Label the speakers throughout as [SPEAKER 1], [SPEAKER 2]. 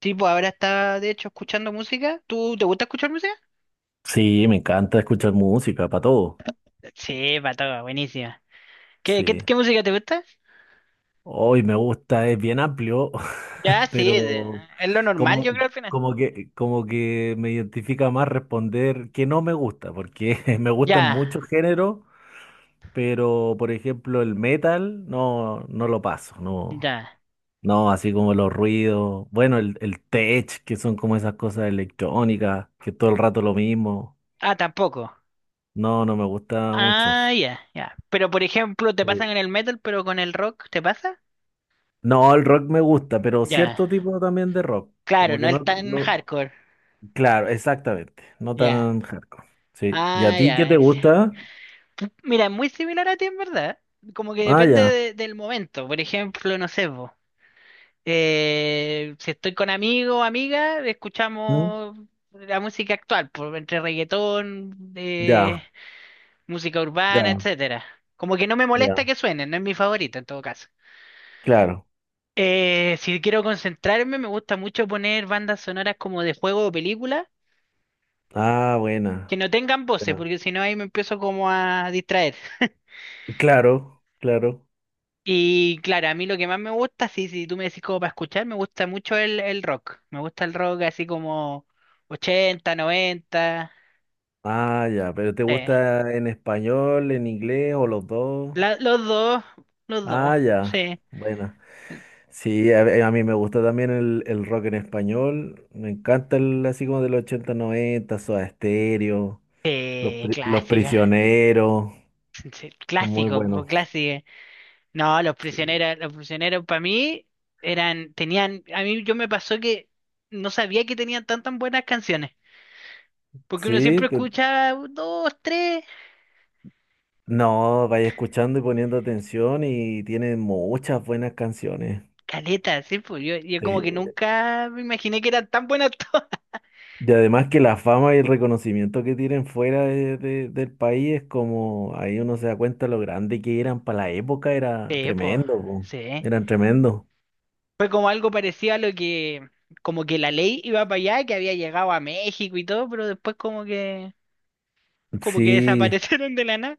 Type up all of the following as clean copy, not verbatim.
[SPEAKER 1] Sí, pues ahora está de hecho escuchando música. ¿Tú te gusta escuchar música?
[SPEAKER 2] Sí, me encanta escuchar música para todo.
[SPEAKER 1] Sí, para todo, buenísima. ¿Qué, qué,
[SPEAKER 2] Sí.
[SPEAKER 1] qué música te gusta?
[SPEAKER 2] Hoy me gusta, es bien amplio,
[SPEAKER 1] Ya, sí,
[SPEAKER 2] pero
[SPEAKER 1] es lo normal,
[SPEAKER 2] como,
[SPEAKER 1] yo creo al final.
[SPEAKER 2] como que me identifica más responder que no me gusta, porque me gustan
[SPEAKER 1] Ya,
[SPEAKER 2] muchos géneros, pero por ejemplo el metal no, no lo paso, no.
[SPEAKER 1] ya.
[SPEAKER 2] No, así como los ruidos, bueno, el tech, que son como esas cosas electrónicas, que todo el rato lo mismo.
[SPEAKER 1] Ah, tampoco.
[SPEAKER 2] No, no me gusta mucho.
[SPEAKER 1] Ah, ya, ya. Pero por ejemplo, te pasan en
[SPEAKER 2] Sí.
[SPEAKER 1] el metal, pero con el rock, ¿te pasa?
[SPEAKER 2] No, el rock me gusta, pero
[SPEAKER 1] Ya.
[SPEAKER 2] cierto tipo también de rock.
[SPEAKER 1] Claro,
[SPEAKER 2] Como
[SPEAKER 1] no
[SPEAKER 2] que no,
[SPEAKER 1] es tan
[SPEAKER 2] no,
[SPEAKER 1] hardcore.
[SPEAKER 2] claro, exactamente. No
[SPEAKER 1] Ya.
[SPEAKER 2] tan hardcore. Sí. ¿Y a
[SPEAKER 1] Ah,
[SPEAKER 2] ti qué
[SPEAKER 1] ya.
[SPEAKER 2] te gusta?
[SPEAKER 1] Mira, es muy similar a ti en verdad. Como que
[SPEAKER 2] Ah,
[SPEAKER 1] depende
[SPEAKER 2] ya.
[SPEAKER 1] del momento. Por ejemplo, no sé, po. Si estoy con amigos o amigas,
[SPEAKER 2] ¿Mm?
[SPEAKER 1] escuchamos la música actual, entre reggaetón,
[SPEAKER 2] Ya,
[SPEAKER 1] música urbana,
[SPEAKER 2] ya,
[SPEAKER 1] etcétera. Como que no me molesta
[SPEAKER 2] ya.
[SPEAKER 1] que suenen, no es mi favorita en todo caso.
[SPEAKER 2] Claro.
[SPEAKER 1] Si quiero concentrarme, me gusta mucho poner bandas sonoras como de juego o película,
[SPEAKER 2] Ah,
[SPEAKER 1] que
[SPEAKER 2] buena.
[SPEAKER 1] no tengan voces,
[SPEAKER 2] Ya.
[SPEAKER 1] porque si no ahí me empiezo como a distraer.
[SPEAKER 2] Claro, claro.
[SPEAKER 1] Y claro, a mí lo que más me gusta, si tú me decís como para escuchar, me gusta mucho el rock. Me gusta el rock así como 80, 90.
[SPEAKER 2] Ah, ya. Pero ¿te
[SPEAKER 1] Sí.
[SPEAKER 2] gusta en español, en inglés o los dos?
[SPEAKER 1] Los dos, los dos,
[SPEAKER 2] Ah, ya.
[SPEAKER 1] sí.
[SPEAKER 2] Buena. Sí, a mí me gusta también el rock en español. Me encanta el así como del 80, 90, Soda Stereo. Los,
[SPEAKER 1] Sí,
[SPEAKER 2] los
[SPEAKER 1] clásica.
[SPEAKER 2] prisioneros
[SPEAKER 1] Sí,
[SPEAKER 2] son muy
[SPEAKER 1] clásico, po,
[SPEAKER 2] buenos.
[SPEAKER 1] clásico. No, los prisioneros para mí eran, tenían, a mí yo me pasó que no sabía que tenían tan buenas canciones, porque uno
[SPEAKER 2] Sí,
[SPEAKER 1] siempre
[SPEAKER 2] te-
[SPEAKER 1] escucha dos, tres,
[SPEAKER 2] no, vaya escuchando y poniendo atención y tienen muchas buenas canciones.
[SPEAKER 1] caletas, sí, pues yo
[SPEAKER 2] Sí.
[SPEAKER 1] como que nunca me imaginé que eran tan buenas todas.
[SPEAKER 2] Y además que la fama y el reconocimiento que tienen fuera del país es como, ahí uno se da cuenta lo grande que eran para la época, era
[SPEAKER 1] Sí, pues,
[SPEAKER 2] tremendo, po.
[SPEAKER 1] sí.
[SPEAKER 2] Eran tremendo.
[SPEAKER 1] Fue como algo parecido a lo que, como que la ley iba para allá, que había llegado a México y todo, pero después como que, como que
[SPEAKER 2] Sí.
[SPEAKER 1] desaparecieron de la nada.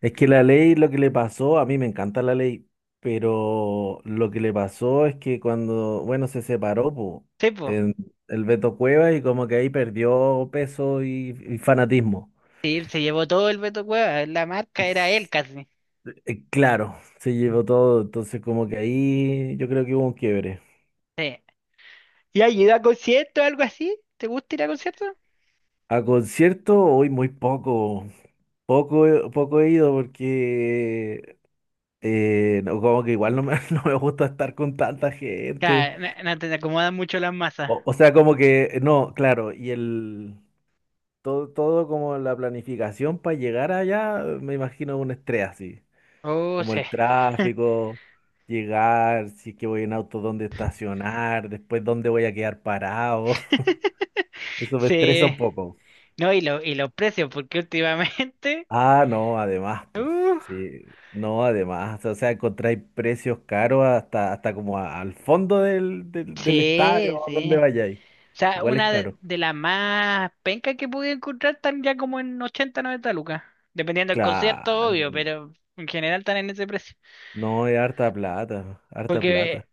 [SPEAKER 2] Es que la ley, lo que le pasó, a mí me encanta la ley, pero lo que le pasó es que cuando, bueno, se separó, po,
[SPEAKER 1] Sí, po.
[SPEAKER 2] en el Beto cueva y como que ahí perdió peso y fanatismo.
[SPEAKER 1] Sí, se llevó todo el Beto Cueva. La marca era él casi.
[SPEAKER 2] Claro, se llevó todo, entonces como que ahí yo creo que hubo un quiebre.
[SPEAKER 1] Sí. ¿Y has ido a conciertos o algo así? ¿Te gusta ir a conciertos?
[SPEAKER 2] A concierto hoy muy poco, poco, poco he ido porque no, como que igual no me, no me gusta estar con tanta gente.
[SPEAKER 1] Claro, no, no te acomodan mucho las masas.
[SPEAKER 2] O sea, como que, no, claro, y el... Todo como la planificación para llegar allá, me imagino un estrés así,
[SPEAKER 1] Oh,
[SPEAKER 2] como
[SPEAKER 1] sí.
[SPEAKER 2] el tráfico, llegar, si es que voy en auto, dónde estacionar, después dónde voy a quedar parado. Eso me estresa
[SPEAKER 1] Sí.
[SPEAKER 2] un poco.
[SPEAKER 1] No, y los precios, porque últimamente.
[SPEAKER 2] Ah, no, además, pues,
[SPEAKER 1] Uh,
[SPEAKER 2] sí, no, además, o sea, encontráis precios caros hasta, hasta como al fondo del estadio,
[SPEAKER 1] sí,
[SPEAKER 2] donde
[SPEAKER 1] sí.
[SPEAKER 2] vayáis.
[SPEAKER 1] O sea,
[SPEAKER 2] Igual es
[SPEAKER 1] una
[SPEAKER 2] caro.
[SPEAKER 1] de las más pencas que pude encontrar están ya como en 80, 90, lucas. Dependiendo del concierto, obvio,
[SPEAKER 2] Claro,
[SPEAKER 1] pero en general están en ese precio.
[SPEAKER 2] no, es harta plata, harta
[SPEAKER 1] porque
[SPEAKER 2] plata.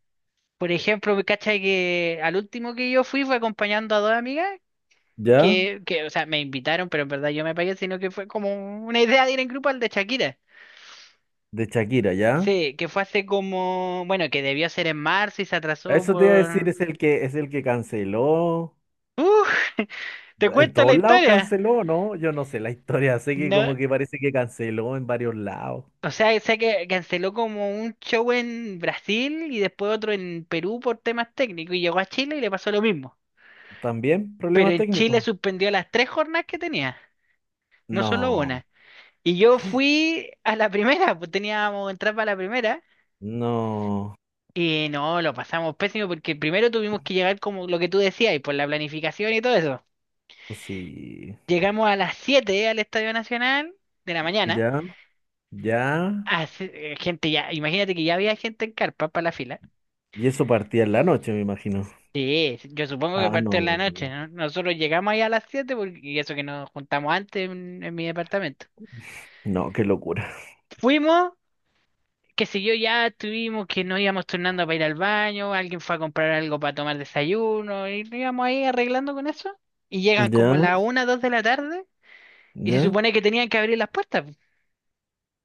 [SPEAKER 1] Por ejemplo, me cacha que al último que yo fui fue acompañando a dos amigas
[SPEAKER 2] ¿Ya?
[SPEAKER 1] o sea, me invitaron, pero en verdad yo me pagué, sino que fue como una idea de ir en grupo al de Shakira.
[SPEAKER 2] De Shakira, ¿ya?
[SPEAKER 1] Sí, que fue hace como, bueno, que debió ser en marzo y se atrasó
[SPEAKER 2] Eso te iba a decir,
[SPEAKER 1] por...
[SPEAKER 2] es el que canceló.
[SPEAKER 1] ¿Te
[SPEAKER 2] En
[SPEAKER 1] cuento la
[SPEAKER 2] todos lados
[SPEAKER 1] historia?
[SPEAKER 2] canceló, ¿no? Yo no sé la historia, sé que
[SPEAKER 1] No,
[SPEAKER 2] como que parece que canceló en varios lados.
[SPEAKER 1] o sea, sé que canceló como un show en Brasil y después otro en Perú por temas técnicos y llegó a Chile y le pasó lo mismo.
[SPEAKER 2] ¿También
[SPEAKER 1] Pero
[SPEAKER 2] problemas
[SPEAKER 1] en Chile
[SPEAKER 2] técnicos?
[SPEAKER 1] suspendió las tres jornadas que tenía, no solo
[SPEAKER 2] No,
[SPEAKER 1] una. Y yo fui a la primera, pues teníamos entrar para la primera.
[SPEAKER 2] no,
[SPEAKER 1] Y no, lo pasamos pésimo porque primero tuvimos que llegar como lo que tú decías, y por la planificación y todo eso.
[SPEAKER 2] sí.
[SPEAKER 1] Llegamos a las 7 al Estadio Nacional de la mañana.
[SPEAKER 2] ¿Ya? ¿Ya?
[SPEAKER 1] Gente ya, imagínate que ya había gente en carpa para la fila.
[SPEAKER 2] Y eso partía en la noche, me imagino.
[SPEAKER 1] Sí, sí, yo supongo que
[SPEAKER 2] Ah,
[SPEAKER 1] partió en la
[SPEAKER 2] no,
[SPEAKER 1] noche, ¿no? Nosotros llegamos ahí a las 7 porque, y eso que nos juntamos antes en mi departamento.
[SPEAKER 2] no, qué locura.
[SPEAKER 1] Fuimos qué sé yo, ya tuvimos que nos íbamos turnando para ir al baño, alguien fue a comprar algo para tomar desayuno, y nos íbamos ahí arreglando con eso. Y llegan como
[SPEAKER 2] ¿Ya?
[SPEAKER 1] las una, dos de la tarde, y se
[SPEAKER 2] ¿Ya?
[SPEAKER 1] supone que tenían que abrir las puertas.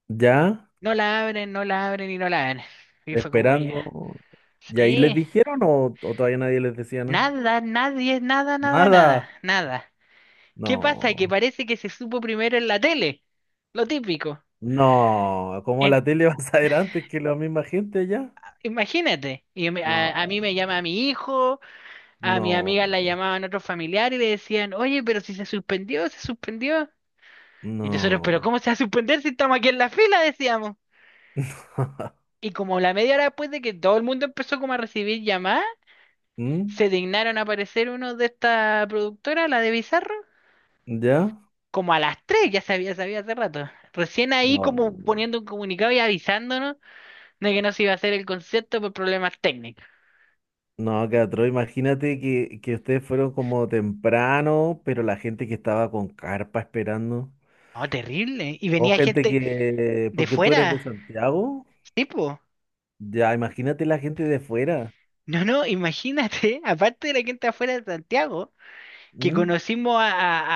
[SPEAKER 2] ¿Ya?
[SPEAKER 1] No la abren y no la abren. Y fue como ya.
[SPEAKER 2] Esperando. ¿Y ahí les
[SPEAKER 1] Sí,
[SPEAKER 2] dijeron o todavía nadie les decía nada?
[SPEAKER 1] nada, nadie, nada, nada,
[SPEAKER 2] Nada.
[SPEAKER 1] nada, nada. ¿Qué pasa? Que
[SPEAKER 2] No.
[SPEAKER 1] parece que se supo primero en la tele. Lo típico.
[SPEAKER 2] No, ¿cómo
[SPEAKER 1] En-
[SPEAKER 2] la tele va a saber antes que la misma gente allá?
[SPEAKER 1] Imagínate. Y a mí
[SPEAKER 2] No,
[SPEAKER 1] me llama mi hijo. A mi amiga
[SPEAKER 2] no,
[SPEAKER 1] la llamaban otros familiares y le decían, oye, pero si se suspendió, se suspendió. Y nosotros, pero
[SPEAKER 2] no.
[SPEAKER 1] ¿cómo se va a suspender si estamos aquí en la fila? Decíamos. Y como la media hora después de que todo el mundo empezó como a recibir llamadas,
[SPEAKER 2] ¿Mm?
[SPEAKER 1] se dignaron a aparecer uno de esta productora, la de Bizarro,
[SPEAKER 2] ¿Ya?
[SPEAKER 1] como a las 3 ya sabía, sabía hace rato. Recién ahí
[SPEAKER 2] No.
[SPEAKER 1] como poniendo un comunicado y avisándonos de que no se iba a hacer el concierto por problemas técnicos.
[SPEAKER 2] No, Catro, imagínate que ustedes fueron como temprano, pero la gente que estaba con carpa esperando.
[SPEAKER 1] No, terrible. Y
[SPEAKER 2] O
[SPEAKER 1] venía
[SPEAKER 2] gente
[SPEAKER 1] gente
[SPEAKER 2] que,
[SPEAKER 1] de
[SPEAKER 2] porque tú eres de
[SPEAKER 1] fuera,
[SPEAKER 2] Santiago,
[SPEAKER 1] tipo.
[SPEAKER 2] ya imagínate la gente de fuera.
[SPEAKER 1] No, no, imagínate, aparte de la gente afuera de Santiago, que
[SPEAKER 2] ¿Mm?
[SPEAKER 1] conocimos a,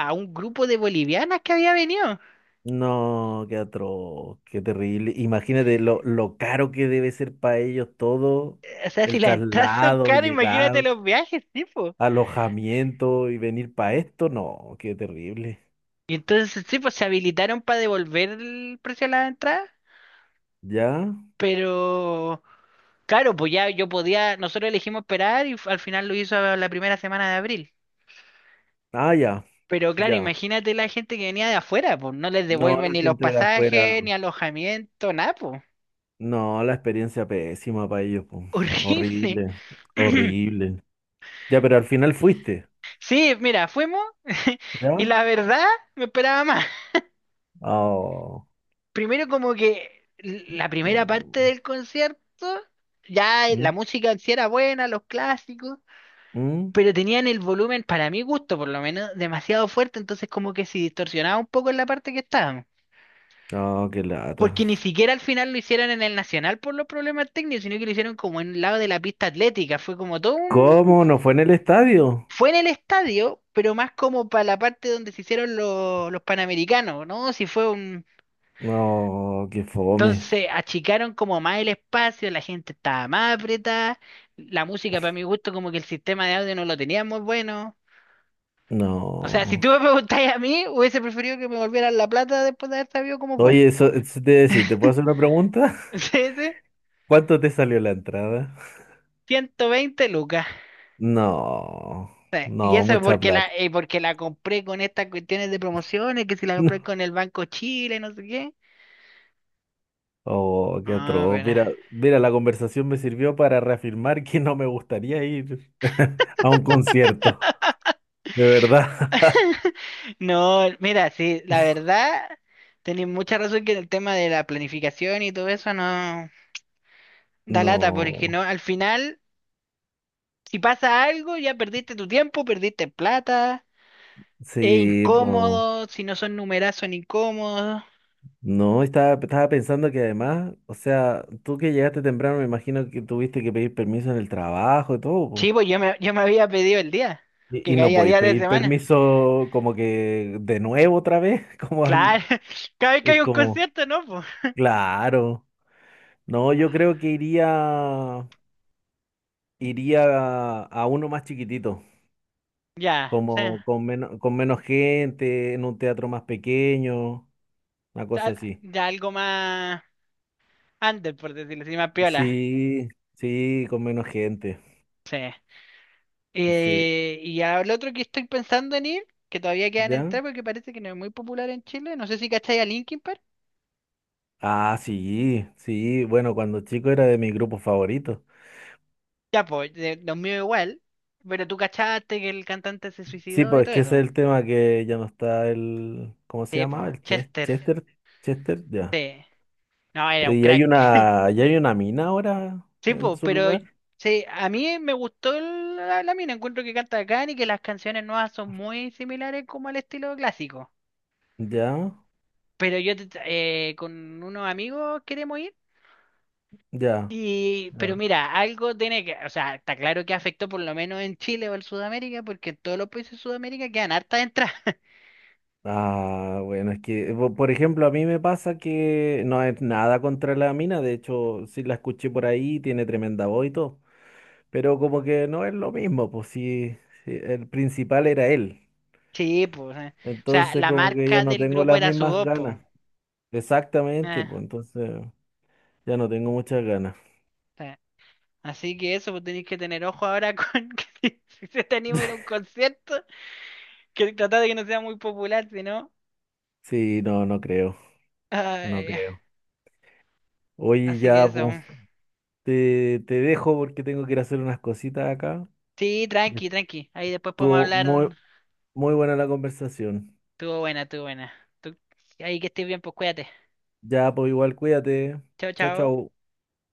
[SPEAKER 1] a un grupo de bolivianas que había venido.
[SPEAKER 2] No, qué atroz, qué terrible. Imagínate lo caro que debe ser para ellos todo,
[SPEAKER 1] O sea, si
[SPEAKER 2] el
[SPEAKER 1] las entradas son
[SPEAKER 2] traslado,
[SPEAKER 1] caras, imagínate
[SPEAKER 2] llegar,
[SPEAKER 1] los viajes, sí, po.
[SPEAKER 2] alojamiento y venir para esto. No, qué terrible.
[SPEAKER 1] Y entonces, sí, pues se habilitaron para devolver el precio de las entradas,
[SPEAKER 2] ¿Ya?
[SPEAKER 1] pero claro, pues ya yo podía, nosotros elegimos esperar y al final lo hizo a la primera semana de abril.
[SPEAKER 2] Ah, ya,
[SPEAKER 1] Pero claro,
[SPEAKER 2] ya.
[SPEAKER 1] imagínate la gente que venía de afuera, pues no les
[SPEAKER 2] No,
[SPEAKER 1] devuelven
[SPEAKER 2] la
[SPEAKER 1] ni los
[SPEAKER 2] gente de afuera,
[SPEAKER 1] pasajes, ni alojamiento, nada, pues.
[SPEAKER 2] no, la experiencia pésima para ellos, po.
[SPEAKER 1] Horrible.
[SPEAKER 2] Horrible, horrible. Ya, pero al final fuiste,
[SPEAKER 1] Sí, mira, fuimos y
[SPEAKER 2] ¿ya?
[SPEAKER 1] la verdad me esperaba más.
[SPEAKER 2] Oh,
[SPEAKER 1] Primero como que la primera parte
[SPEAKER 2] mm,
[SPEAKER 1] del concierto, ya la
[SPEAKER 2] mm,
[SPEAKER 1] música en sí era buena, los clásicos,
[SPEAKER 2] mm.
[SPEAKER 1] pero tenían el volumen, para mi gusto por lo menos, demasiado fuerte, entonces como que se distorsionaba un poco en la parte que estábamos.
[SPEAKER 2] No, qué lata.
[SPEAKER 1] Porque ni siquiera al final lo hicieron en el Nacional por los problemas técnicos, sino que lo hicieron como en el lado de la pista atlética. Fue como todo un...
[SPEAKER 2] ¿Cómo? ¿No fue en el estadio?
[SPEAKER 1] Fue en el estadio, pero más como para la parte donde se hicieron los Panamericanos, ¿no? Si fue un...
[SPEAKER 2] No, qué fome.
[SPEAKER 1] Entonces achicaron como más el espacio, la gente estaba más apretada, la música para mi gusto como que el sistema de audio no lo tenía muy bueno. O sea, si
[SPEAKER 2] No.
[SPEAKER 1] tú me preguntáis a mí, hubiese preferido que me volvieran la plata después de haber sabido cómo fue.
[SPEAKER 2] Oye, eso te iba a decir, ¿te puedo hacer una pregunta?
[SPEAKER 1] Sí, sí,
[SPEAKER 2] ¿Cuánto te salió la entrada?
[SPEAKER 1] 120 lucas.
[SPEAKER 2] No,
[SPEAKER 1] Sí, y
[SPEAKER 2] no,
[SPEAKER 1] eso es
[SPEAKER 2] mucha
[SPEAKER 1] porque
[SPEAKER 2] plata.
[SPEAKER 1] porque la compré con estas cuestiones de promociones, que si la compré
[SPEAKER 2] No.
[SPEAKER 1] con el Banco Chile, no sé qué.
[SPEAKER 2] Oh, qué
[SPEAKER 1] Ah,
[SPEAKER 2] atroz.
[SPEAKER 1] bueno.
[SPEAKER 2] Mira, mira, la conversación me sirvió para reafirmar que no me gustaría ir a un concierto, de verdad.
[SPEAKER 1] No, mira, sí, la verdad, tenéis mucha razón que el tema de la planificación y todo eso no. Da lata,
[SPEAKER 2] No,
[SPEAKER 1] porque no, al final, si pasa algo, ya perdiste tu tiempo, perdiste plata, es
[SPEAKER 2] sí, pues.
[SPEAKER 1] incómodo, si no son numerazos son incómodos.
[SPEAKER 2] No, estaba pensando que además, o sea, tú que llegaste temprano, me imagino que tuviste que pedir permiso en el trabajo y todo, pues.
[SPEAKER 1] Sí, pues yo me había pedido el día,
[SPEAKER 2] Y,
[SPEAKER 1] que
[SPEAKER 2] y no
[SPEAKER 1] caía
[SPEAKER 2] podéis
[SPEAKER 1] día de
[SPEAKER 2] pedir
[SPEAKER 1] semana.
[SPEAKER 2] permiso como que de nuevo otra vez,
[SPEAKER 1] Claro, cada vez que hay
[SPEAKER 2] es
[SPEAKER 1] un
[SPEAKER 2] como,
[SPEAKER 1] concierto, ¿no? Pues
[SPEAKER 2] claro. No, yo creo que iría, iría a uno más chiquitito,
[SPEAKER 1] ya, sí.
[SPEAKER 2] como con menos gente, en un teatro más pequeño, una cosa
[SPEAKER 1] Ya,
[SPEAKER 2] así.
[SPEAKER 1] ya algo más under, por decirlo así, más piola.
[SPEAKER 2] Sí, sí, con menos gente.
[SPEAKER 1] Sí.
[SPEAKER 2] Sí.
[SPEAKER 1] Y al otro que estoy pensando en ir, que todavía quedan
[SPEAKER 2] ¿Ya?
[SPEAKER 1] entrar porque parece que no es muy popular en Chile, no sé si cacháis a Linkin Park.
[SPEAKER 2] Ah, sí, sí. Bueno, cuando chico era de mi grupo favorito.
[SPEAKER 1] Ya, pues, los míos igual, pero tú cachaste que el cantante se
[SPEAKER 2] Sí,
[SPEAKER 1] suicidó y
[SPEAKER 2] pues es
[SPEAKER 1] todo
[SPEAKER 2] que ese
[SPEAKER 1] eso.
[SPEAKER 2] es el tema que ya no está el, ¿cómo se
[SPEAKER 1] Sí,
[SPEAKER 2] llamaba?
[SPEAKER 1] pues,
[SPEAKER 2] El
[SPEAKER 1] Chester,
[SPEAKER 2] Chester, Chester, ya.
[SPEAKER 1] sí. No, era un
[SPEAKER 2] Y hay
[SPEAKER 1] crack.
[SPEAKER 2] una, ya hay una mina ahora
[SPEAKER 1] Sí,
[SPEAKER 2] en
[SPEAKER 1] pues,
[SPEAKER 2] su
[SPEAKER 1] pero
[SPEAKER 2] lugar.
[SPEAKER 1] sí, a mí me gustó la mina, encuentro que canta bacán y que las canciones nuevas son muy similares como al estilo clásico.
[SPEAKER 2] Ya,
[SPEAKER 1] Pero yo te- con unos amigos queremos ir
[SPEAKER 2] ya,
[SPEAKER 1] y, pero
[SPEAKER 2] ya.
[SPEAKER 1] mira, algo tiene que, o sea, está claro que afectó por lo menos en Chile o en Sudamérica, porque en todos los países de Sudamérica quedan hartas entradas.
[SPEAKER 2] Ah, bueno, es que, por ejemplo, a mí me pasa que no es nada contra la mina, de hecho, sí la escuché por ahí, tiene tremenda voz y todo, pero como que no es lo mismo, pues sí, sí, el principal era él,
[SPEAKER 1] Sí, pues. O sea,
[SPEAKER 2] entonces
[SPEAKER 1] la
[SPEAKER 2] como que ya
[SPEAKER 1] marca
[SPEAKER 2] no
[SPEAKER 1] del
[SPEAKER 2] tengo
[SPEAKER 1] grupo
[SPEAKER 2] las
[SPEAKER 1] era su
[SPEAKER 2] mismas
[SPEAKER 1] voz,
[SPEAKER 2] ganas,
[SPEAKER 1] pues.
[SPEAKER 2] exactamente,
[SPEAKER 1] Eh,
[SPEAKER 2] pues entonces... Ya no tengo muchas ganas.
[SPEAKER 1] eh. Así que eso, pues tenéis que tener ojo ahora con que si se te anima a ir a un concierto, que tratar de que no sea muy popular, si no.
[SPEAKER 2] Sí, no, no creo, no
[SPEAKER 1] Ay,
[SPEAKER 2] creo. Hoy
[SPEAKER 1] así que
[SPEAKER 2] ya
[SPEAKER 1] eso.
[SPEAKER 2] pues, te dejo porque tengo que ir a hacer unas cositas acá.
[SPEAKER 1] Sí,
[SPEAKER 2] Y
[SPEAKER 1] tranqui, tranqui. Ahí después podemos
[SPEAKER 2] estuvo muy,
[SPEAKER 1] hablar.
[SPEAKER 2] muy buena la conversación.
[SPEAKER 1] Estuvo buena, estuvo buena. Tú- Ahí que estés bien, pues cuídate.
[SPEAKER 2] Ya, pues igual cuídate.
[SPEAKER 1] Chao,
[SPEAKER 2] Chao,
[SPEAKER 1] chao.
[SPEAKER 2] chao.